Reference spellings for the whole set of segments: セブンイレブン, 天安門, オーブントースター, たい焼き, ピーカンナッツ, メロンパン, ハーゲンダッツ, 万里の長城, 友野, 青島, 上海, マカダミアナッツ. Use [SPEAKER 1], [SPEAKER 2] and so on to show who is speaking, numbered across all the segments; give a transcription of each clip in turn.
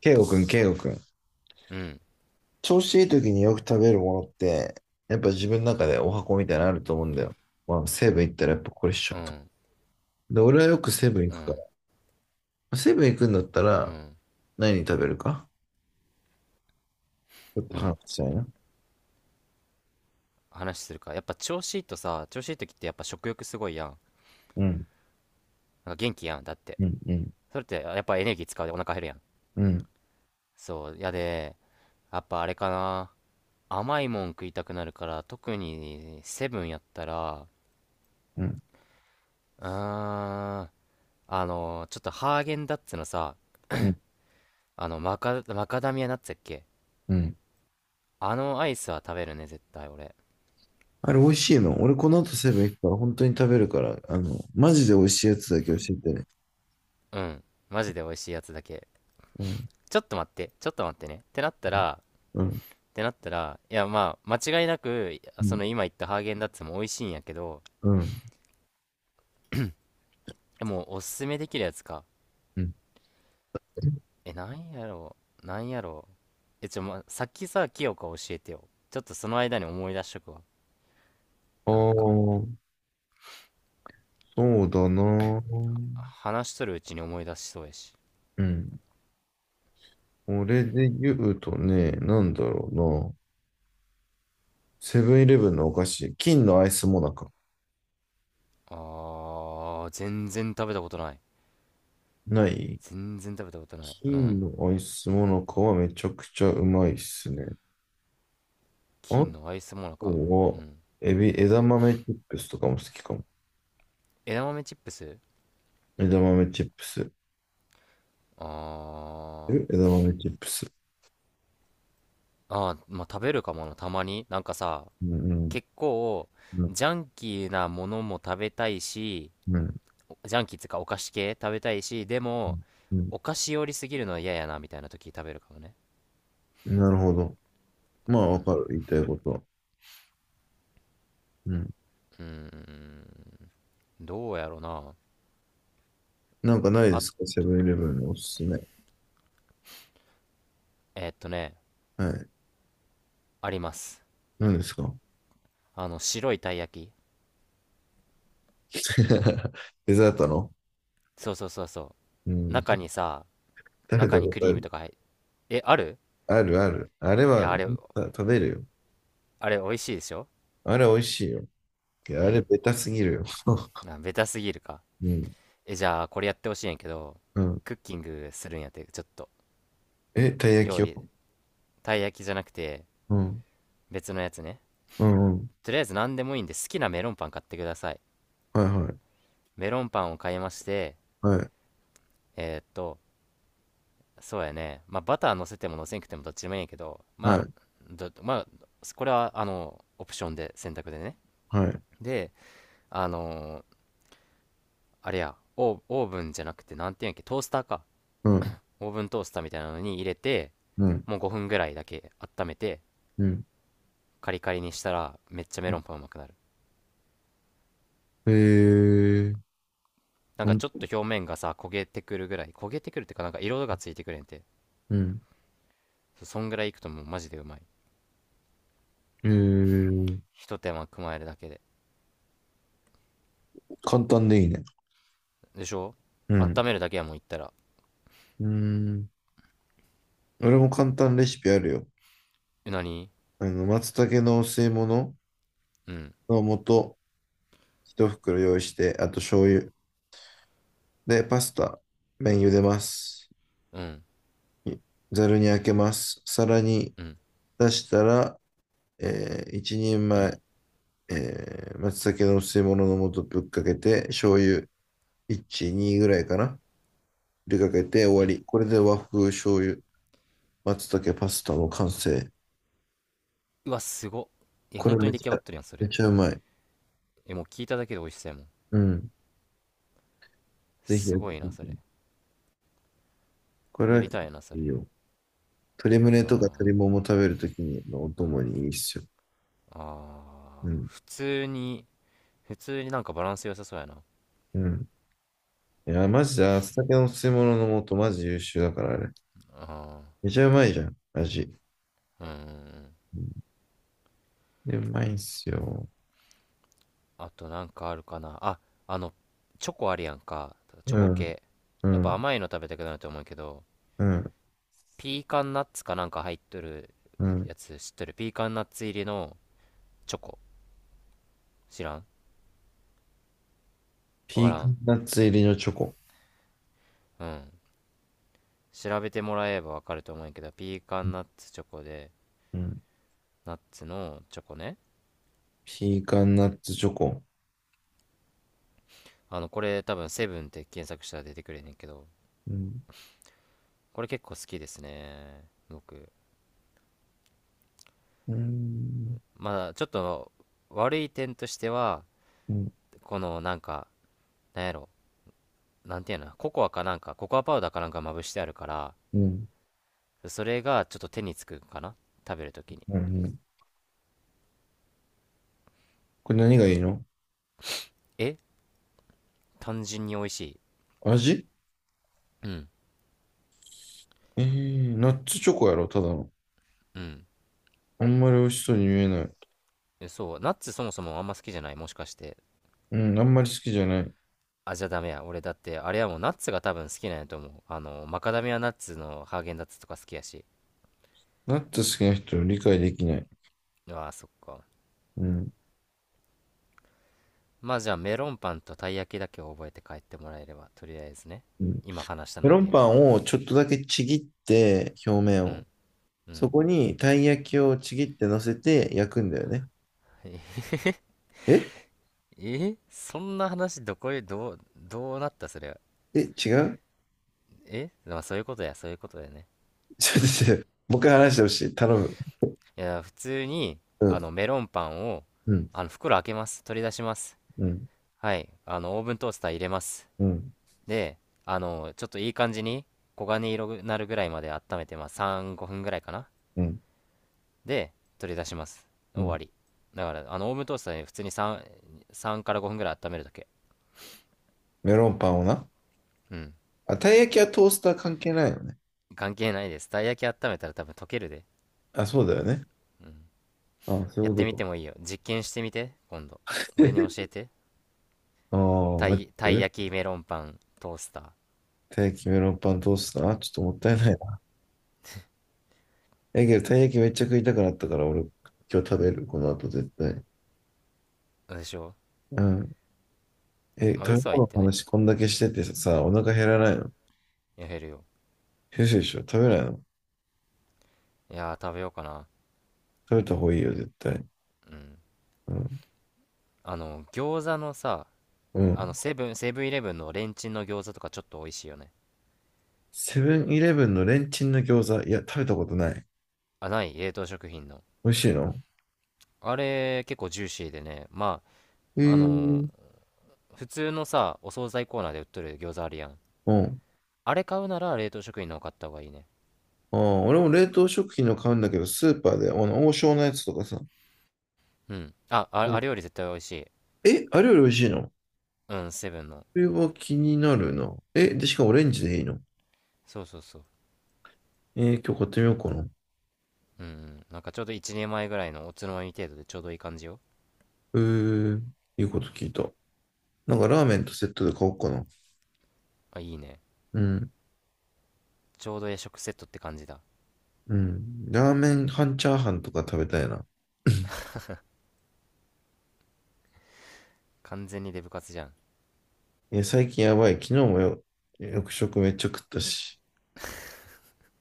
[SPEAKER 1] ケイゴくん、ケイゴくん。
[SPEAKER 2] うん、
[SPEAKER 1] 調子いい時によく食べるものって、やっぱ自分の中でお箱みたいなのあると思うんだよ。まあ、セブン行ったらやっぱこれしち
[SPEAKER 2] う
[SPEAKER 1] ゃうと。
[SPEAKER 2] ん、
[SPEAKER 1] で、俺はよくセブン
[SPEAKER 2] う
[SPEAKER 1] 行くか
[SPEAKER 2] ん、
[SPEAKER 1] ら。セブン行くんだった
[SPEAKER 2] う
[SPEAKER 1] ら、
[SPEAKER 2] ん、
[SPEAKER 1] 何食べるかちょっ
[SPEAKER 2] う
[SPEAKER 1] と
[SPEAKER 2] ん。
[SPEAKER 1] 話したいな。
[SPEAKER 2] 話するか。やっぱ調子いいとさ、調子いい時ってやっぱ食欲すごいやん。
[SPEAKER 1] うん、
[SPEAKER 2] なんか元気やん、だって。
[SPEAKER 1] うん、うん、
[SPEAKER 2] それってやっぱエネルギー使うでお腹減るやん。
[SPEAKER 1] うん、
[SPEAKER 2] そう、やで、やっぱあれかな。甘いもん食いたくなるから、特にセブンやったら、
[SPEAKER 1] うん、
[SPEAKER 2] うーん、ちょっとハーゲンダッツのさ、
[SPEAKER 1] うん、
[SPEAKER 2] マカダミアナッツやっけ、
[SPEAKER 1] うん。
[SPEAKER 2] あのアイスは食べるね、絶対俺。
[SPEAKER 1] あれ美味しいの？俺この後セブン行くから本当に食べるから、マジで美味しいやつだけ教えてね。
[SPEAKER 2] うん。マジで美味しいやつだけ。
[SPEAKER 1] うん、
[SPEAKER 2] ちょっと待って、ちょっと待ってね。ってなったら、
[SPEAKER 1] うん、うん、
[SPEAKER 2] いやまあ、間違いなく、その今言ったハーゲンダッツも美味しいんやけど、
[SPEAKER 1] うん、
[SPEAKER 2] えもうおすすめできるやつか。
[SPEAKER 1] うん。
[SPEAKER 2] え、なんやろなんやろう。さっきさ、清香教えてよ。ちょっとその間に思い出しとくわ。
[SPEAKER 1] あ
[SPEAKER 2] なんか、
[SPEAKER 1] あ、そうだな。
[SPEAKER 2] 話しとるうちに思い出しそうやし。
[SPEAKER 1] うん。俺で言うとね、なんだろうな。セブンイレブンのお菓子、金のアイスモナカ。
[SPEAKER 2] あー、全然食べたことない。
[SPEAKER 1] ない。
[SPEAKER 2] 全然食べたことない。う
[SPEAKER 1] 金
[SPEAKER 2] ん。
[SPEAKER 1] のアイスモナカはめちゃくちゃうまいっすね。あ
[SPEAKER 2] 金
[SPEAKER 1] と
[SPEAKER 2] のアイスモナカ。う
[SPEAKER 1] は、
[SPEAKER 2] ん。
[SPEAKER 1] エビ、枝豆チップスとかも好きかも。
[SPEAKER 2] 枝豆チップス、
[SPEAKER 1] 枝豆チップス。
[SPEAKER 2] あー。
[SPEAKER 1] 枝豆チップス。
[SPEAKER 2] あー、まあ、食べるかもな、たまに。なんかさ、
[SPEAKER 1] うん、
[SPEAKER 2] 結構
[SPEAKER 1] うん、
[SPEAKER 2] ジャンキーなものも食べたいし、
[SPEAKER 1] うん、
[SPEAKER 2] ジャンキーっていうかお菓子系食べたいし、で
[SPEAKER 1] う
[SPEAKER 2] も
[SPEAKER 1] ん。うん。
[SPEAKER 2] お菓子寄りすぎるのは嫌やなみたいな時食べるかもね。
[SPEAKER 1] なるほど。まあ、わかる。言いたいことは。うん。
[SPEAKER 2] うーん、どうやろうな。
[SPEAKER 1] なんかないで
[SPEAKER 2] あ、
[SPEAKER 1] すか、セブンイレブンのおすすめ。
[SPEAKER 2] えーっとね、
[SPEAKER 1] はい。
[SPEAKER 2] あります。
[SPEAKER 1] 何ですか？
[SPEAKER 2] あの白いたい焼き、
[SPEAKER 1] デザートの？
[SPEAKER 2] そうそうそうそ
[SPEAKER 1] う
[SPEAKER 2] う。
[SPEAKER 1] ん。
[SPEAKER 2] 中にさ、
[SPEAKER 1] 食べ
[SPEAKER 2] 中
[SPEAKER 1] た
[SPEAKER 2] に
[SPEAKER 1] こ
[SPEAKER 2] ク
[SPEAKER 1] とあ
[SPEAKER 2] リーム
[SPEAKER 1] る。
[SPEAKER 2] とか入っ、えある。
[SPEAKER 1] あるある。あれ
[SPEAKER 2] い
[SPEAKER 1] は。
[SPEAKER 2] やあれ、
[SPEAKER 1] あ、食べるよ。
[SPEAKER 2] あれ美味しいでしょ。
[SPEAKER 1] あれ美味しいよ。あ
[SPEAKER 2] う
[SPEAKER 1] れ
[SPEAKER 2] ん、
[SPEAKER 1] ベタすぎるよ。
[SPEAKER 2] あベタすぎるか。
[SPEAKER 1] うん。
[SPEAKER 2] えじゃあこれやってほしいんやけど、
[SPEAKER 1] うん。
[SPEAKER 2] クッキングするんやって、ちょっと
[SPEAKER 1] え、たい焼
[SPEAKER 2] 料
[SPEAKER 1] きを。
[SPEAKER 2] 理、たい焼きじゃなくて
[SPEAKER 1] うん。
[SPEAKER 2] 別のやつね。
[SPEAKER 1] うんうん。
[SPEAKER 2] とりあえず何でもいいんで好きなメロンパン買ってください。
[SPEAKER 1] はいはい。
[SPEAKER 2] メロンパンを買いまして、
[SPEAKER 1] はい。
[SPEAKER 2] えーっとそうやね、まあバター乗せても乗せんくてもどっちでもいいんやけど、
[SPEAKER 1] は
[SPEAKER 2] まあ
[SPEAKER 1] い。
[SPEAKER 2] どまあこれはあのオプションで選択でね。
[SPEAKER 1] はい。
[SPEAKER 2] で、あのーあれや、オーブンじゃなくてなんていうんやっけ、トースターか、
[SPEAKER 1] うん。
[SPEAKER 2] オーブントースターみたいなのに入れて、
[SPEAKER 1] うん。
[SPEAKER 2] もう5分ぐらいだけ温めて、
[SPEAKER 1] うん。
[SPEAKER 2] カリカリにしたらめっちゃメロンパンうまくなる。
[SPEAKER 1] へえ。
[SPEAKER 2] なん
[SPEAKER 1] ほ
[SPEAKER 2] か
[SPEAKER 1] ん
[SPEAKER 2] ちょっと表面がさ焦げてくるぐらい、焦げてくるっていうか、なんか色がついてくれんて、
[SPEAKER 1] うん。
[SPEAKER 2] そんぐらいいくともうマジでうまい。
[SPEAKER 1] へえ、
[SPEAKER 2] ひと手間加えるだけで。
[SPEAKER 1] 簡単でいいね。
[SPEAKER 2] でしょ、
[SPEAKER 1] う
[SPEAKER 2] 温
[SPEAKER 1] ん。
[SPEAKER 2] めるだけやもん言ったら。
[SPEAKER 1] うん。俺も簡単レシピあるよ。
[SPEAKER 2] え、なに？
[SPEAKER 1] 松茸のお吸い物
[SPEAKER 2] うん、
[SPEAKER 1] の素、一袋用意して、あと醤油。で、パスタ、麺茹でます。
[SPEAKER 2] うん、
[SPEAKER 1] ざるにあけます。皿に
[SPEAKER 2] うん、
[SPEAKER 1] 出したら、一人
[SPEAKER 2] うん、
[SPEAKER 1] 前、松茸の吸い物の素ぶっかけて、醤油1、2ぐらいかな。ぶっかけて終
[SPEAKER 2] う
[SPEAKER 1] わ
[SPEAKER 2] ん。
[SPEAKER 1] り。これで和風醤油、松茸パスタの完成。
[SPEAKER 2] うわ、すごっ。え、
[SPEAKER 1] こ
[SPEAKER 2] 本
[SPEAKER 1] れ
[SPEAKER 2] 当に
[SPEAKER 1] め
[SPEAKER 2] 出来
[SPEAKER 1] ち
[SPEAKER 2] 上が
[SPEAKER 1] ゃ、
[SPEAKER 2] ってるやん、そ
[SPEAKER 1] め
[SPEAKER 2] れ。
[SPEAKER 1] ちゃうまい。
[SPEAKER 2] え、もう聞いただけで美味しそうやもん。
[SPEAKER 1] うん。ぜひ
[SPEAKER 2] す
[SPEAKER 1] やって
[SPEAKER 2] ごい
[SPEAKER 1] み
[SPEAKER 2] な、そ
[SPEAKER 1] て。
[SPEAKER 2] れ。
[SPEAKER 1] これ
[SPEAKER 2] や
[SPEAKER 1] は
[SPEAKER 2] りたいな、そ
[SPEAKER 1] いい
[SPEAKER 2] れ。
[SPEAKER 1] よ。鶏胸とか鶏
[SPEAKER 2] あ
[SPEAKER 1] もも食べるときのお供にいいっすよ。う
[SPEAKER 2] あー、
[SPEAKER 1] ん。
[SPEAKER 2] 普通に、普通になんかバランス良さそうやな。
[SPEAKER 1] うん。いや、マジで、松茸の吸い物の素、マジ優秀だから、あれ。
[SPEAKER 2] あ
[SPEAKER 1] めちゃうまいじゃん、味。
[SPEAKER 2] ー、うーん。
[SPEAKER 1] で、うまいんすよ。
[SPEAKER 2] あとなんかあるかな。あ、あの、チョコあるやんか。チ
[SPEAKER 1] う
[SPEAKER 2] ョコ
[SPEAKER 1] ん、
[SPEAKER 2] 系。
[SPEAKER 1] う
[SPEAKER 2] やっぱ
[SPEAKER 1] ん、
[SPEAKER 2] 甘いの食べたくなると思うけど、
[SPEAKER 1] うん、
[SPEAKER 2] ピーカンナッツかなんか入っとる
[SPEAKER 1] うん。
[SPEAKER 2] やつ知っとる？ピーカンナッツ入りのチョコ、知らん？わ
[SPEAKER 1] ピ
[SPEAKER 2] か
[SPEAKER 1] ーカ
[SPEAKER 2] らん？
[SPEAKER 1] ンナッツ入りのチョコ。
[SPEAKER 2] うん、調べてもらえばわかると思うんやけど、ピーカンナッツチョコで、
[SPEAKER 1] うん。
[SPEAKER 2] ナッツのチョコね。
[SPEAKER 1] ピーカンナッツチョコ。
[SPEAKER 2] あのこれ多分セブンって検索したら出てくれんねんけど、
[SPEAKER 1] うん、
[SPEAKER 2] これ結構好きですね、僕。
[SPEAKER 1] うん、
[SPEAKER 2] まあちょっと悪い点としては、
[SPEAKER 1] うん、
[SPEAKER 2] このなんか、なんやろなんていうの、ココアかなんか、ココアパウダーかなんかまぶしてあるから、
[SPEAKER 1] うん、
[SPEAKER 2] それがちょっと手につくかな、食べるときに。
[SPEAKER 1] うん。これ何がいいの？
[SPEAKER 2] え、単純に美味しい。
[SPEAKER 1] 味？
[SPEAKER 2] うん、
[SPEAKER 1] ナッツチョコやろ、ただの。
[SPEAKER 2] うん。
[SPEAKER 1] あんまり美味しそうに見えない。
[SPEAKER 2] そう、ナッツそもそもあんま好きじゃない、もしかして。
[SPEAKER 1] うん、あんまり好きじゃない。
[SPEAKER 2] あ、じゃあダメや。俺だって、あれはもうナッツが多分好きなんやと思う。あの、マカダミアナッツのハーゲンダッツとか好きやし。
[SPEAKER 1] ナッツ好きな人を理解できない。
[SPEAKER 2] うわあ、そっか。
[SPEAKER 1] うん、
[SPEAKER 2] まあじゃあメロンパンとたい焼きだけを覚えて帰ってもらえれば、とりあえずね。
[SPEAKER 1] うん。
[SPEAKER 2] 今話した
[SPEAKER 1] メ
[SPEAKER 2] の
[SPEAKER 1] ロ
[SPEAKER 2] で
[SPEAKER 1] ンパ
[SPEAKER 2] よ。
[SPEAKER 1] ンをちょっとだけちぎって、表面
[SPEAKER 2] う
[SPEAKER 1] を。
[SPEAKER 2] ん、う
[SPEAKER 1] そ
[SPEAKER 2] ん。
[SPEAKER 1] こにたい焼きをちぎって乗せて焼くんだよね。え。
[SPEAKER 2] えそんな話どこへどう、どうなったそれは。
[SPEAKER 1] え違う。
[SPEAKER 2] えまあそういうことや、そういうことやね。
[SPEAKER 1] ちょっと待っ
[SPEAKER 2] うん。
[SPEAKER 1] て、もう一回話してほしい。頼む。
[SPEAKER 2] いや、普通に、
[SPEAKER 1] う
[SPEAKER 2] あ
[SPEAKER 1] ん、
[SPEAKER 2] の、メロンパンを、
[SPEAKER 1] うん、
[SPEAKER 2] あの、袋開けます。取り出します。
[SPEAKER 1] うん、
[SPEAKER 2] はい。あの、オーブントースター入れます。
[SPEAKER 1] うん、
[SPEAKER 2] で、あの、ちょっといい感じに、黄金色になるぐらいまで温めて、まあ、3、5分ぐらいかな。
[SPEAKER 1] うん、
[SPEAKER 2] で、取り出します。
[SPEAKER 1] う
[SPEAKER 2] 終
[SPEAKER 1] ん。
[SPEAKER 2] わり。だから、あの、オーブントースターで普通に3から5分ぐらい温めるだけ。
[SPEAKER 1] メロンパンをな。
[SPEAKER 2] うん。
[SPEAKER 1] あ、たい焼きはトースター関係ないよね。
[SPEAKER 2] 関係ないです。たい焼き温めたら多分溶けるで。
[SPEAKER 1] あ、そうだよね。あ、そう
[SPEAKER 2] や
[SPEAKER 1] い
[SPEAKER 2] っ
[SPEAKER 1] うこ
[SPEAKER 2] てみ
[SPEAKER 1] とか。
[SPEAKER 2] てもいいよ。実験してみて、今度。俺に教 えて。
[SPEAKER 1] ああ、待って
[SPEAKER 2] たい
[SPEAKER 1] る。
[SPEAKER 2] 焼きメロンパントースター。
[SPEAKER 1] たい焼きメロンパントースターちょっともったい
[SPEAKER 2] う
[SPEAKER 1] ない
[SPEAKER 2] ん。
[SPEAKER 1] な。え、けどたい焼きめっちゃ食いたくなったから、俺、今日食べる。この後絶対。
[SPEAKER 2] どうでしょう。
[SPEAKER 1] うん。え、食
[SPEAKER 2] まあ嘘
[SPEAKER 1] べ
[SPEAKER 2] は
[SPEAKER 1] 物
[SPEAKER 2] 言っ
[SPEAKER 1] の
[SPEAKER 2] てない、
[SPEAKER 1] 話こんだけしててさ、お腹減らないの？
[SPEAKER 2] や減るよ。
[SPEAKER 1] 先生でしょ？食べないの？
[SPEAKER 2] いやー食べようかな。
[SPEAKER 1] 食べた方がいいよ、絶対。
[SPEAKER 2] うん、
[SPEAKER 1] うん。
[SPEAKER 2] あの餃子のさ、
[SPEAKER 1] う
[SPEAKER 2] あの
[SPEAKER 1] ん。
[SPEAKER 2] セブンセブンイレブンのレンチンの餃子とかちょっと美味しいよね。
[SPEAKER 1] セブンイレブンのレンチンの餃子、いや、食べたことない。
[SPEAKER 2] あ、ない？冷凍食品の、
[SPEAKER 1] 美味しいの？
[SPEAKER 2] あれ結構ジューシーでね。
[SPEAKER 1] う
[SPEAKER 2] あ
[SPEAKER 1] ー
[SPEAKER 2] の
[SPEAKER 1] ん。
[SPEAKER 2] 普通のさお惣菜コーナーで売っとる餃子あるやん、
[SPEAKER 1] うん。
[SPEAKER 2] あれ買うなら冷凍食品の方買った方がいいね。
[SPEAKER 1] ああ、俺も冷凍食品の買うんだけど、スーパーで、王将のやつとかさ。
[SPEAKER 2] うん、あ、
[SPEAKER 1] う
[SPEAKER 2] ああ
[SPEAKER 1] ん。
[SPEAKER 2] れより絶対美味しい。
[SPEAKER 1] え、あれより美味しいの？こ
[SPEAKER 2] うん、セブンの。
[SPEAKER 1] れは気になるな。え、で、しかもオレンジでいいの？
[SPEAKER 2] そうそうそう。
[SPEAKER 1] 今日買ってみようかな。
[SPEAKER 2] うん、うん、なんかちょうど1年前ぐらいのおつまみ程度でちょうどいい感じよ。
[SPEAKER 1] えー、いいこと聞いた。なんかラーメンとセットで買おうかな。
[SPEAKER 2] あ、いいね。
[SPEAKER 1] うん、
[SPEAKER 2] ちょうど夜食セットって感じだ。
[SPEAKER 1] うん。ラーメン半チャーハンとか食べたいな。
[SPEAKER 2] 完全にデブ活じゃん。
[SPEAKER 1] 最近やばい。昨日もよ、よく食めっちゃ食ったし。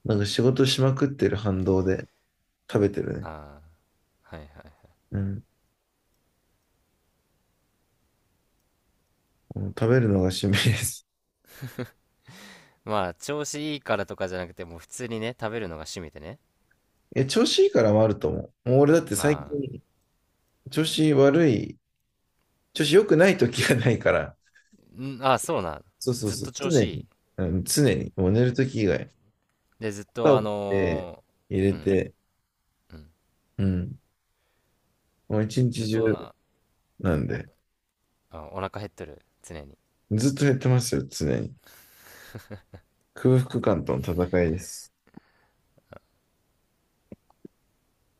[SPEAKER 1] なんか仕事しまくってる反動で、食べてるね。
[SPEAKER 2] ああ、はいはい。
[SPEAKER 1] うん。もう食べるのが趣味です。
[SPEAKER 2] まあ、調子いいからとかじゃなくて、もう普通にね、食べるのが趣味でね。
[SPEAKER 1] え、調子いいからもあると思う。もう俺だって最
[SPEAKER 2] あ
[SPEAKER 1] 近、調子悪い、調子良くない時がないから、
[SPEAKER 2] あ、ん、ああ、そうな。
[SPEAKER 1] そうそう
[SPEAKER 2] ずっ
[SPEAKER 1] そ
[SPEAKER 2] と
[SPEAKER 1] う、
[SPEAKER 2] 調
[SPEAKER 1] 常
[SPEAKER 2] 子い
[SPEAKER 1] に、
[SPEAKER 2] い。
[SPEAKER 1] うん、常に、もう寝る時以外、
[SPEAKER 2] で、ずっと
[SPEAKER 1] 肩
[SPEAKER 2] あ
[SPEAKER 1] をって
[SPEAKER 2] の
[SPEAKER 1] 入
[SPEAKER 2] ー
[SPEAKER 1] れ
[SPEAKER 2] うん、
[SPEAKER 1] て、
[SPEAKER 2] うん。
[SPEAKER 1] うん、もう一
[SPEAKER 2] ず
[SPEAKER 1] 日
[SPEAKER 2] っ
[SPEAKER 1] 中
[SPEAKER 2] と
[SPEAKER 1] なんで、
[SPEAKER 2] あ、お腹減っとる。常に。
[SPEAKER 1] ずっと減ってますよ、常に。空腹感との戦いです。